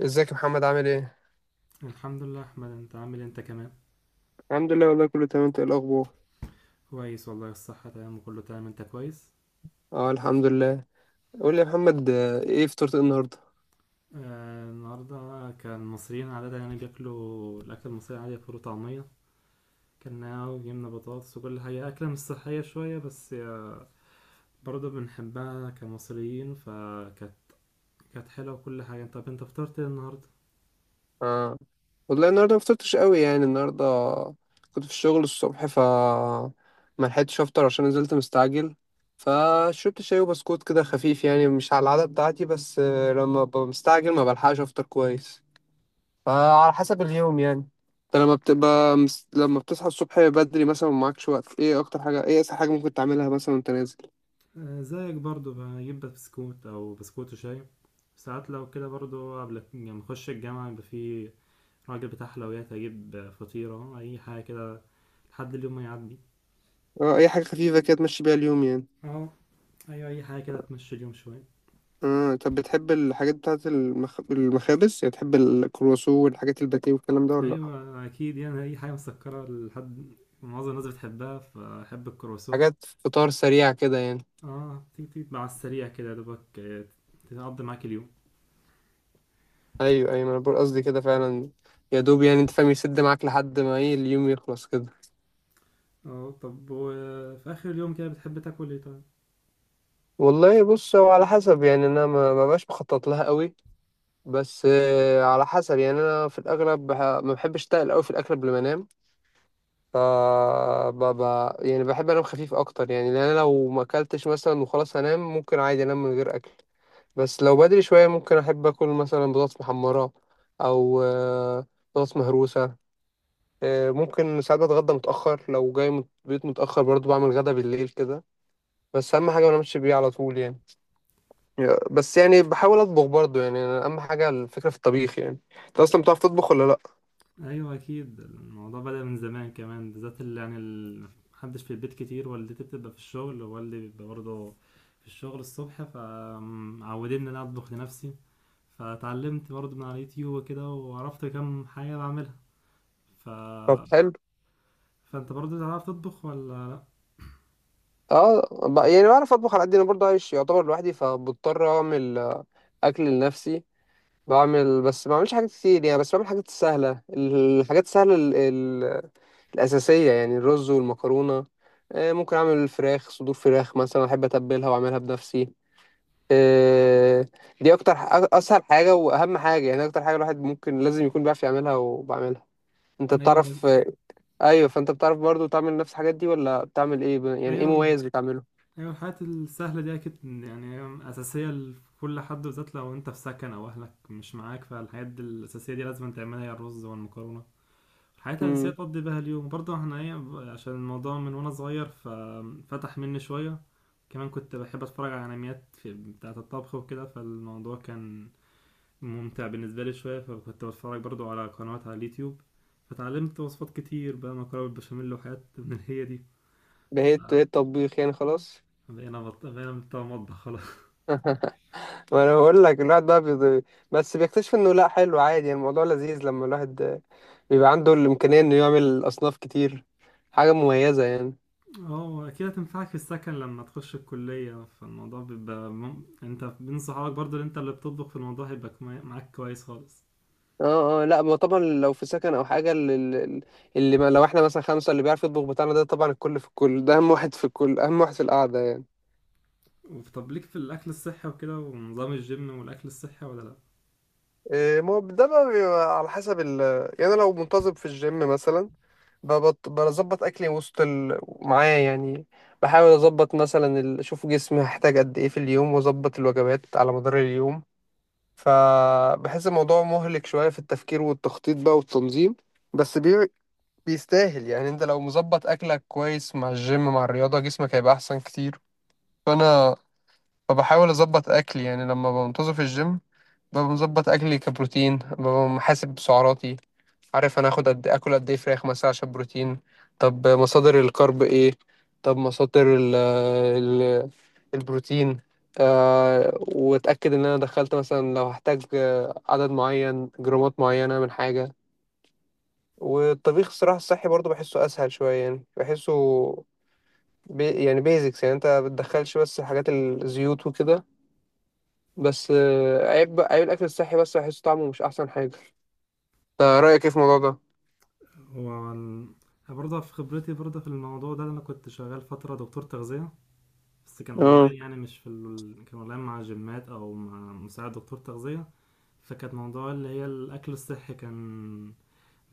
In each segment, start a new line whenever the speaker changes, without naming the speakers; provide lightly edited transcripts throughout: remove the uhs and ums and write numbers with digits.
ازيك يا محمد، عامل ايه؟
الحمد لله يا احمد، انت عامل إيه انت كمان؟
الحمد لله، والله كله تمام. انت ايه الاخبار؟
كويس والله، الصحة تمام وكله تمام، انت كويس؟
اه، الحمد لله. قول لي يا محمد، آه، ايه فطرت ايه النهارده؟
آه، النهاردة كان المصريين عادة يعني بياكلوا الأكل المصري عادي، فول وطعمية، كلناها وجبنا بطاطس وكل حاجة، أكلة مش صحية شوية بس برضه بنحبها كمصريين، فكانت حلوة وكل حاجة. طب انت فطرت ايه النهاردة؟
اه، والله النهارده ما فطرتش قوي، يعني النهارده كنت في الشغل الصبح، ف ما لحقتش افطر عشان نزلت مستعجل. فشربت شاي وبسكوت كده خفيف، يعني مش على العادة بتاعتي، بس لما ببقى مستعجل ما بلحقش افطر كويس. فعلى حسب اليوم يعني. انت لما بتبقى لما بتصحى الصبح بدري مثلا ومعكش وقت، ايه اسهل حاجه ممكن تعملها مثلا وانت نازل؟
آه، زيك برضه بجيب بسكوت أو بسكوت وشاي، ساعات لو كده برضه قبل ما نخش الجامعة يبقى فيه راجل بتاع حلويات، اجيب فطيرة اي حاجة كده لحد اليوم ما يعدي.
اه، اي حاجه خفيفه كده تمشي بيها اليوم يعني.
اهو. ايوه اي حاجة كده تمشي اليوم شوية.
اه، طب بتحب الحاجات بتاعه المخابز؟ يعني بتحب الكرواسون والحاجات الباتيه والكلام ده ولا لا؟
ايوه اكيد، يعني اي حاجة مسكرة لحد معظم الناس بتحبها، فاحب الكرواسون.
حاجات فطار سريع كده يعني.
اه، تيجي تيجي مع السريع كده يا دوبك، تقضي معاك اليوم.
ايوه، ايوه، ما انا بقول قصدي كده فعلا، يا دوب يعني، انت فاهم، يسد معاك لحد ما ايه، اليوم يخلص كده.
اه طب وفي اخر اليوم كده بتحب تاكل ايه طيب؟
والله بص، هو على حسب يعني، انا ما بقاش مخطط لها قوي، بس على حسب. يعني انا في الاغلب ما بحبش اتقل قوي في الاكل قبل ما انام. ف ب... ب... يعني بحب انام خفيف اكتر، يعني لان انا لو ما اكلتش مثلا وخلاص هنام، ممكن عادي انام من غير اكل. بس لو بدري شويه ممكن احب اكل مثلا بطاطس محمره، او بطاطس مهروسه. ممكن ساعات بتغدى متاخر، لو جاي من البيت متاخر برضو بعمل غدا بالليل كده، بس اهم حاجه ما انامش بيه على طول يعني. بس يعني بحاول اطبخ برضو، يعني أنا اهم حاجه الفكره في الطبيخ يعني. انت اصلا بتعرف تطبخ ولا لا؟
ايوه اكيد، الموضوع بدأ من زمان كمان، بالذات اللي يعني محدش في البيت كتير، والدتي بتبقى في الشغل ووالدي بيبقى برضه في الشغل الصبح، فمعودين ان انا اطبخ لنفسي. فتعلمت برضه من على اليوتيوب وكده، وعرفت كم حاجة بعملها. ف...
طب حلو.
فانت برضه تعرف تطبخ ولا
اه، يعني بعرف اطبخ على قد انا برضه عايش يعتبر لوحدي، فبضطر اعمل اكل لنفسي. بعمل، بس ما بعملش حاجات كتير يعني، بس بعمل حاجات سهله، الحاجات السهله الاساسيه، يعني الرز والمكرونه. ممكن اعمل صدور فراخ مثلا احب اتبلها واعملها بنفسي. آه، دي اكتر اسهل حاجه واهم حاجه، يعني اكتر حاجه الواحد ممكن لازم يكون بيعرف يعملها، وبعملها. انت
لا؟ ايوه
بتعرف؟ ايوه، فانت بتعرف برضه تعمل نفس الحاجات دي ولا بتعمل ايه؟ يعني ايه
ايوه
مميز بتعمله؟
ايوه، الحاجات السهلة دي اكيد يعني اساسية لكل حد، بالذات لو انت في سكن او اهلك مش معاك، فالحاجات دي الاساسية دي لازم تعملها، هي الرز والمكرونة، حياتي الأساسية تقضي بها اليوم. برضه احنا ايه، عشان الموضوع من وانا صغير ففتح مني شوية، كمان كنت بحب اتفرج على انميات في بتاعة الطبخ وكده، فالموضوع كان ممتع بالنسبة لي شوية، فكنت بتفرج برضه على قنوات على اليوتيوب، فتعلمت وصفات كتير، بقى مكرونة بالبشاميل وحاجات من هي دي.
بقيت طبيخ يعني خلاص.
بقينا بتوع مطبخ خلاص
ما انا بقول لك الواحد بقى بس بيكتشف انه لا، حلو عادي، يعني الموضوع لذيذ لما الواحد بيبقى عنده الامكانيه انه يعمل اصناف كتير، حاجه مميزه يعني.
اه اكيد هتنفعك في السكن لما تخش الكلية، فالموضوع بيبقى انت بين صحابك برضه، اللي انت اللي بتطبخ في الموضوع، هيبقى معاك كويس خالص.
اه، اه، لا، ما طبعا، لو في سكن او حاجه اللي، اللي ما لو احنا مثلا خمسه اللي بيعرف يطبخ بتاعنا ده طبعا الكل في الكل، ده اهم واحد في الكل، اهم واحد في القعده يعني.
طب ليك في الاكل الصحي وكده ونظام الجيم والاكل الصحي ولا لا؟
إيه، ما هو ده بقى بيبقى على حسب ال... يعني أنا لو منتظم في الجيم مثلا، بظبط أكلي وسط معايا يعني. بحاول أظبط مثلا أشوف جسمي هحتاج قد إيه في اليوم، وأظبط الوجبات على مدار اليوم. فبحس الموضوع مهلك شوية في التفكير والتخطيط بقى والتنظيم. بس بيستاهل، يعني أنت لو مظبط أكلك كويس مع الجيم مع الرياضة، جسمك هيبقى أحسن كتير. فأنا، فبحاول أظبط أكلي، يعني لما بنتظم في الجيم ببقى مظبط اكلي كبروتين، ببقى محاسب سعراتي، عارف انا اخد قد إيه، اكل قد ايه فراخ مثلا عشان بروتين، طب مصادر الكرب ايه، طب مصادر ال البروتين، آه، واتاكد ان انا دخلت مثلا لو هحتاج عدد معين، جرامات معينه من حاجه. والطبيخ الصراحه الصحي برضو بحسه اسهل شويه، يعني بحسه يعني بيزكس، يعني انت بتدخلش بس حاجات الزيوت وكده، بس عيب، عيب الاكل الصحي، بس بحسه طعمه مش احسن حاجه. انت رأيك ايه في الموضوع ده؟
هو ال- برضه في خبرتي برضه في الموضوع ده، انا كنت شغال فتره دكتور تغذيه، بس كان
اه.
اونلاين، يعني مش في كان اونلاين مع جيمات او مع مساعد دكتور تغذيه. فكانت موضوع اللي هي الاكل الصحي، كان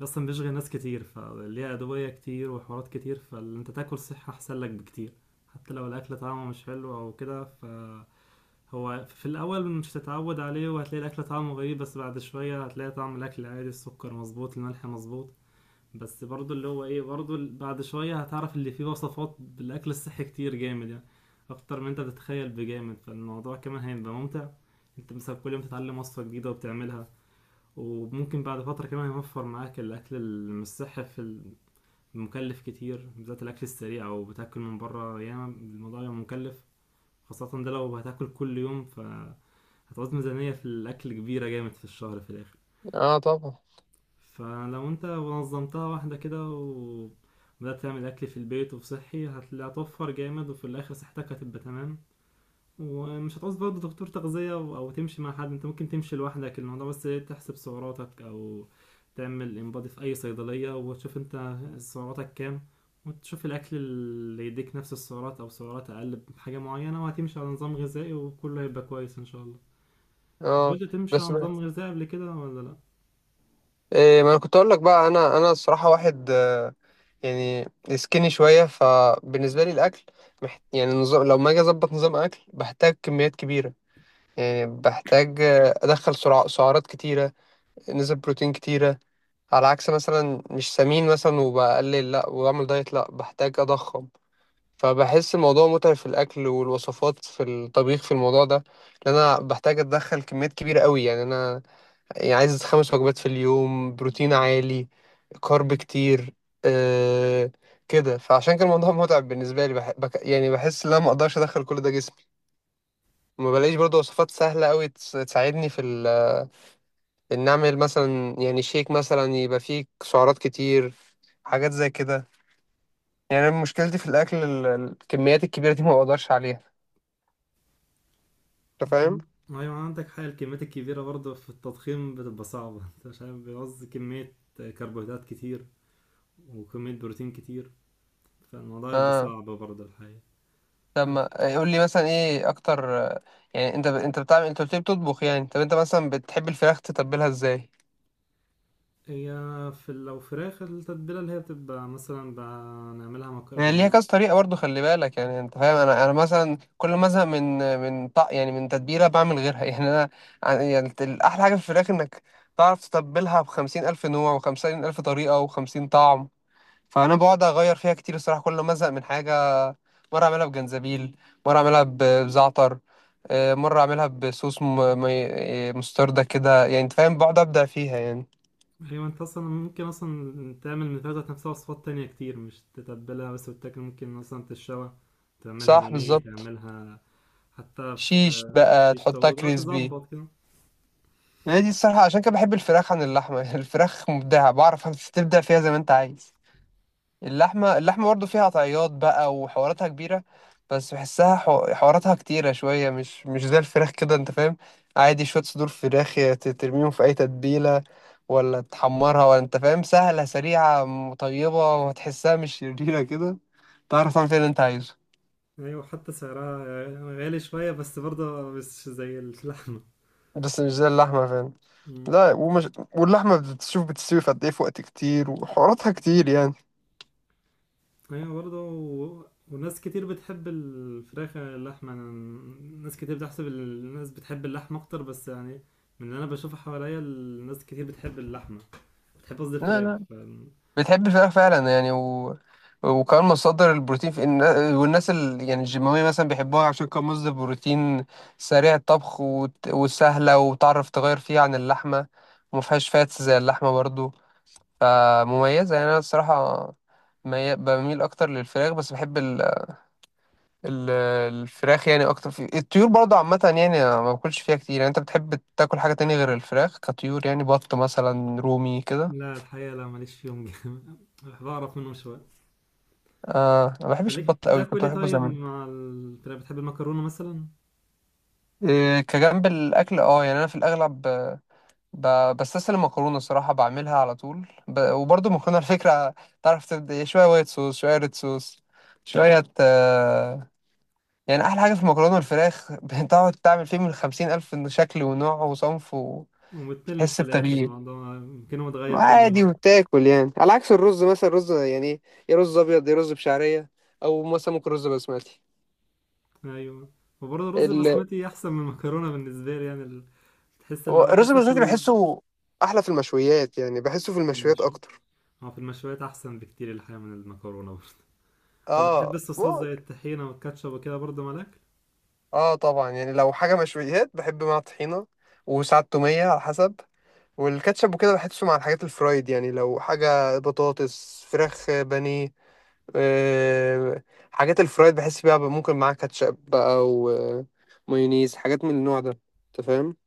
اصلا بيشغل ناس كتير، فليها ادويه كتير وحوارات كتير، فاللي انت تاكل صحي احسن لك بكتير، حتى لو الاكل طعمه مش حلو او كده ف هو في الأول مش هتتعود عليه، وهتلاقي الأكل طعمه غريب، بس بعد شوية هتلاقي طعم الأكل عادي، السكر مظبوط الملح مظبوط. بس برضو اللي هو بعد شوية هتعرف اللي فيه وصفات بالأكل الصحي كتير جامد، يعني أكتر من أنت بتتخيل بجامد، فالموضوع كمان هيبقى ممتع. أنت مثلا كل يوم تتعلم وصفة جديدة وبتعملها، وممكن بعد فترة كمان يوفر معاك الأكل المش صحي في المكلف كتير، بالذات الأكل السريع أو بتاكل من بره ياما الموضوع يبقى مكلف، خاصة ده لو هتاكل كل يوم ف هتعوز ميزانية في الأكل كبيرة جامد في الشهر في الآخر.
اه، طبعا.
فلو أنت نظمتها واحدة كده وبدأت تعمل أكل في البيت وفي صحي هتوفر جامد، وفي الآخر صحتك هتبقى تمام، ومش هتعوز برضه دكتور تغذية أو تمشي مع حد، أنت ممكن تمشي لوحدك الموضوع، بس تحسب سعراتك أو تعمل انبادي في أي صيدلية وتشوف أنت سعراتك كام، وتشوف الأكل اللي يديك نفس السعرات أو سعرات أقل بحاجة معينة، وهتمشي على نظام غذائي وكله هيبقى كويس إن شاء الله.
اه،
حاولت تمشي
بس
على نظام غذائي قبل كده ولا لا؟
إيه، ما انا كنت اقول لك بقى، انا الصراحه واحد، يعني سكيني شويه. فبالنسبه لي الاكل يعني نظام، لو ما اجي اظبط نظام اكل بحتاج كميات كبيره، يعني بحتاج ادخل سعرات كتيره، نسب بروتين كتيره، على عكس مثلا مش سمين مثلا وبقلل، لا، واعمل دايت، لا، بحتاج اضخم. فبحس الموضوع متعب في الاكل والوصفات في الطبيخ في الموضوع ده، لان انا بحتاج اتدخل كميات كبيره قوي، يعني انا يعني عايز 5 وجبات في اليوم، بروتين عالي، كارب كتير، آه، كده. فعشان كان الموضوع متعب بالنسبه لي، يعني بحس ان انا ما اقدرش ادخل كل ده جسمي، ما بلاقيش برضه وصفات سهله قوي تساعدني في ان اعمل مثلا يعني شيك مثلا يبقى فيه سعرات كتير، حاجات زي كده. يعني أنا مشكلتي في الاكل الكميات الكبيره دي ما بقدرش عليها، انت
انت
فاهم.
عن- ايوه عندك حق، الكميات الكبيرة برضه في التضخيم بتبقى صعبة انت مش عارف بيعوز كمية كربوهيدرات كتير وكمية بروتين كتير، فالموضوع يبقى
اه،
صعب برضه الحقيقة.
طب ما
الح-
قول لي مثلا ايه اكتر، يعني انت بتعمل، انت قلت لي بتطبخ يعني، طب انت مثلا بتحب الفراخ تتبلها ازاي؟
هي في لو فراخ، التتبيلة اللي هي بتبقى مثلا بنعملها
يعني ليها
مقابل.
كذا طريقه برضو، خلي بالك يعني، انت فاهم، انا مثلا كل ما ازهق من من طق يعني من تتبيله بعمل غيرها يعني انا، يعني الاحلى حاجه في الفراخ انك تعرف تتبلها بخمسين الف نوع، وخمسين الف طريقه، وخمسين طعم. فانا بقعد اغير فيها كتير الصراحه، كل ما ازهق من حاجه، مرة أعملها بجنزبيل، مرة أعملها بزعتر، مرة أعملها بصوص مستردة كده، يعني أنت فاهم، بقعد أبدع فيها يعني.
أيوة، أنت أصلا ممكن أصلا تعمل من الفراخ ذات نفسها وصفات تانية كتير مش تتبلها بس، وتاكل ممكن مثلا تشوى، تعملها
صح،
بانيه،
بالظبط.
تعملها حتى
شيش
في
بقى،
شيش
تحطها
طاووق
كريسبي.
تظبط كده.
هي دي الصراحة عشان كده بحب الفراخ عن اللحمة الفراخ مبدعة، بعرف تبدع فيها زي ما أنت عايز. اللحمة برضه فيها طعيات بقى وحواراتها كبيرة، بس بحسها حواراتها كتيرة شوية، مش زي الفراخ كده، انت فاهم. عادي شوية صدور فراخ، يا ترميهم في أي تتبيلة، ولا تحمرها، ولا، انت فاهم، سهلة، سريعة، طيبة، وهتحسها مش شريرة كده، تعرف تعمل فيها اللي انت عايزه،
ايوه حتى سعرها غالي شوية بس برضه مش زي اللحمة.
بس مش زي اللحمة فاهم.
مم.
لا، ومش، واللحمة بتشوف بتستوي في قد ايه في وقت كتير وحواراتها كتير يعني.
ايوه برضه وناس كتير بتحب الفراخ عن اللحمة، ناس كتير بتحسب الناس بتحب اللحمة اكتر، بس يعني من اللي انا بشوفه حواليا الناس كتير بتحب اللحمة، بتحب قصدي
لا،
الفراخ.
لا، بتحب الفراخ فعلا يعني، و... وكمان مصدر البروتين في والناس يعني الجيماوية مثلا بيحبوها عشان كان مصدر بروتين سريع الطبخ، وسهلة، وتعرف تغير فيها عن اللحمة، وما فيهاش فاتس زي اللحمة برضو، فمميزة يعني. أنا الصراحة بميل أكتر للفراخ، بس بحب ال... الفراخ يعني أكتر في الطيور برضو عامة، يعني أنا ما باكلش فيها كتير يعني. أنت بتحب تاكل حاجة تانية غير الفراخ كطيور، يعني بط مثلا، رومي كده؟
لا الحقيقة لا ماليش فيهم جامد بعرف منهم شوية.
آه، أنا ما بحبش
مالك
البط أوي،
بتاكل
كنت
ايه
بحبه
طيب
زمان.
مع الفراخ، بتحب المكرونة مثلا؟
إيه كجنب الاكل، اه، يعني انا في الاغلب بستسلم مكرونه الصراحه، بعملها على طول. وبرضه مكرونه الفكره تعرف تبدا، إيه، شويه وايت صوص، شويه ريد صوص، شويه، يعني احلى حاجه في المكرونه والفراخ بتقعد تعمل فيه من خمسين الف شكل ونوع وصنف، وتحس
ومتملش في الاخر
بتغيير،
الموضوع، يمكن هو اتغير كل
وعادي،
مرة.
وبتاكل، يعني على عكس الرز مثلا. الرز يعني يا رز ابيض، يا رز بشعريه، او مثلا ممكن رز بسمتي.
ايوه، وبرضه الرز
ال-
البسمتي احسن من المكرونه بالنسبه لي، يعني تحس اللي هو
الرز
حتى في
البسمتي بحسه احلى في المشويات يعني، بحسه في
في
المشويات
المشوي،
اكتر.
اه في المشويات احسن بكتير الحقيقه من المكرونه برضه طب بتحب
اه،
الصوصات زي
ممكن.
الطحينه والكاتشب وكده برضه مالك؟
اه، طبعا، يعني لو حاجه مشويات بحب مع طحينه، وساعات توميه، على حسب. والكاتشب وكده بحسه مع الحاجات الفرايد، يعني لو حاجه بطاطس، فراخ، بانيه، آه، حاجات الفرايد بحس بيها بقى ممكن معاها كاتشب بقى، ومايونيز، حاجات من النوع ده، انت فاهم.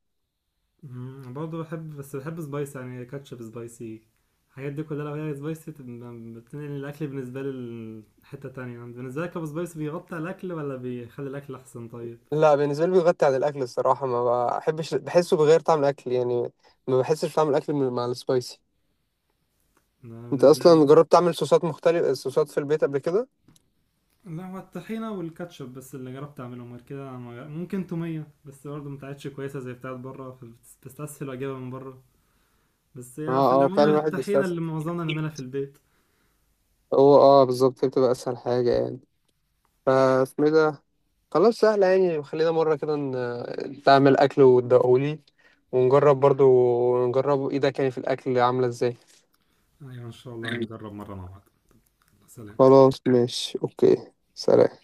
برضه بحب، بس بحب سبايسي، يعني كاتشب سبايسي، الحاجات دي كلها لو هي سبايسي تبقى بتنقل الاكل بالنسبه لي لحته تانية، يعني بالنسبه لك ابو سبايسي بيغطي على الاكل ولا بيخلي الاكل احسن طيب؟
لا، بالنسبه لي بيغطي عن الاكل الصراحه، ما بحبش، بحسه بغير طعم الاكل يعني، ما بحسش طعم الاكل مع السبايسي.
انا
انت
بالنسبه
اصلا
لي
جربت تعمل صوصات مختلفه، صوصات في البيت قبل كده؟
لا، هو الطحينة والكاتشب بس اللي جربت اعملهم، غير كده ممكن تومية، بس برضه ما بتاعتش كويسة زي بتاعت بره فبستسهل واجيبها من بره، بس
اه،
هي في
اه،
العموم
فعلا، الواحد
الطحينة اللي
بيستسهل.
معظمنا نعملها في البيت.
هو اه بالظبط، هي بتبقى اسهل حاجة يعني، فاسمه إيه ده، خلاص سهلة يعني. خلينا مرة كده تعمل اكل وتدوقهولي، ونجرب برضو، نجرب ايدك يعني في الاكل عاملة ازاي.
ايوه ان شاء الله نجرب مرة مع بعض. سلام.
خلاص، ماشي، اوكي، سلام.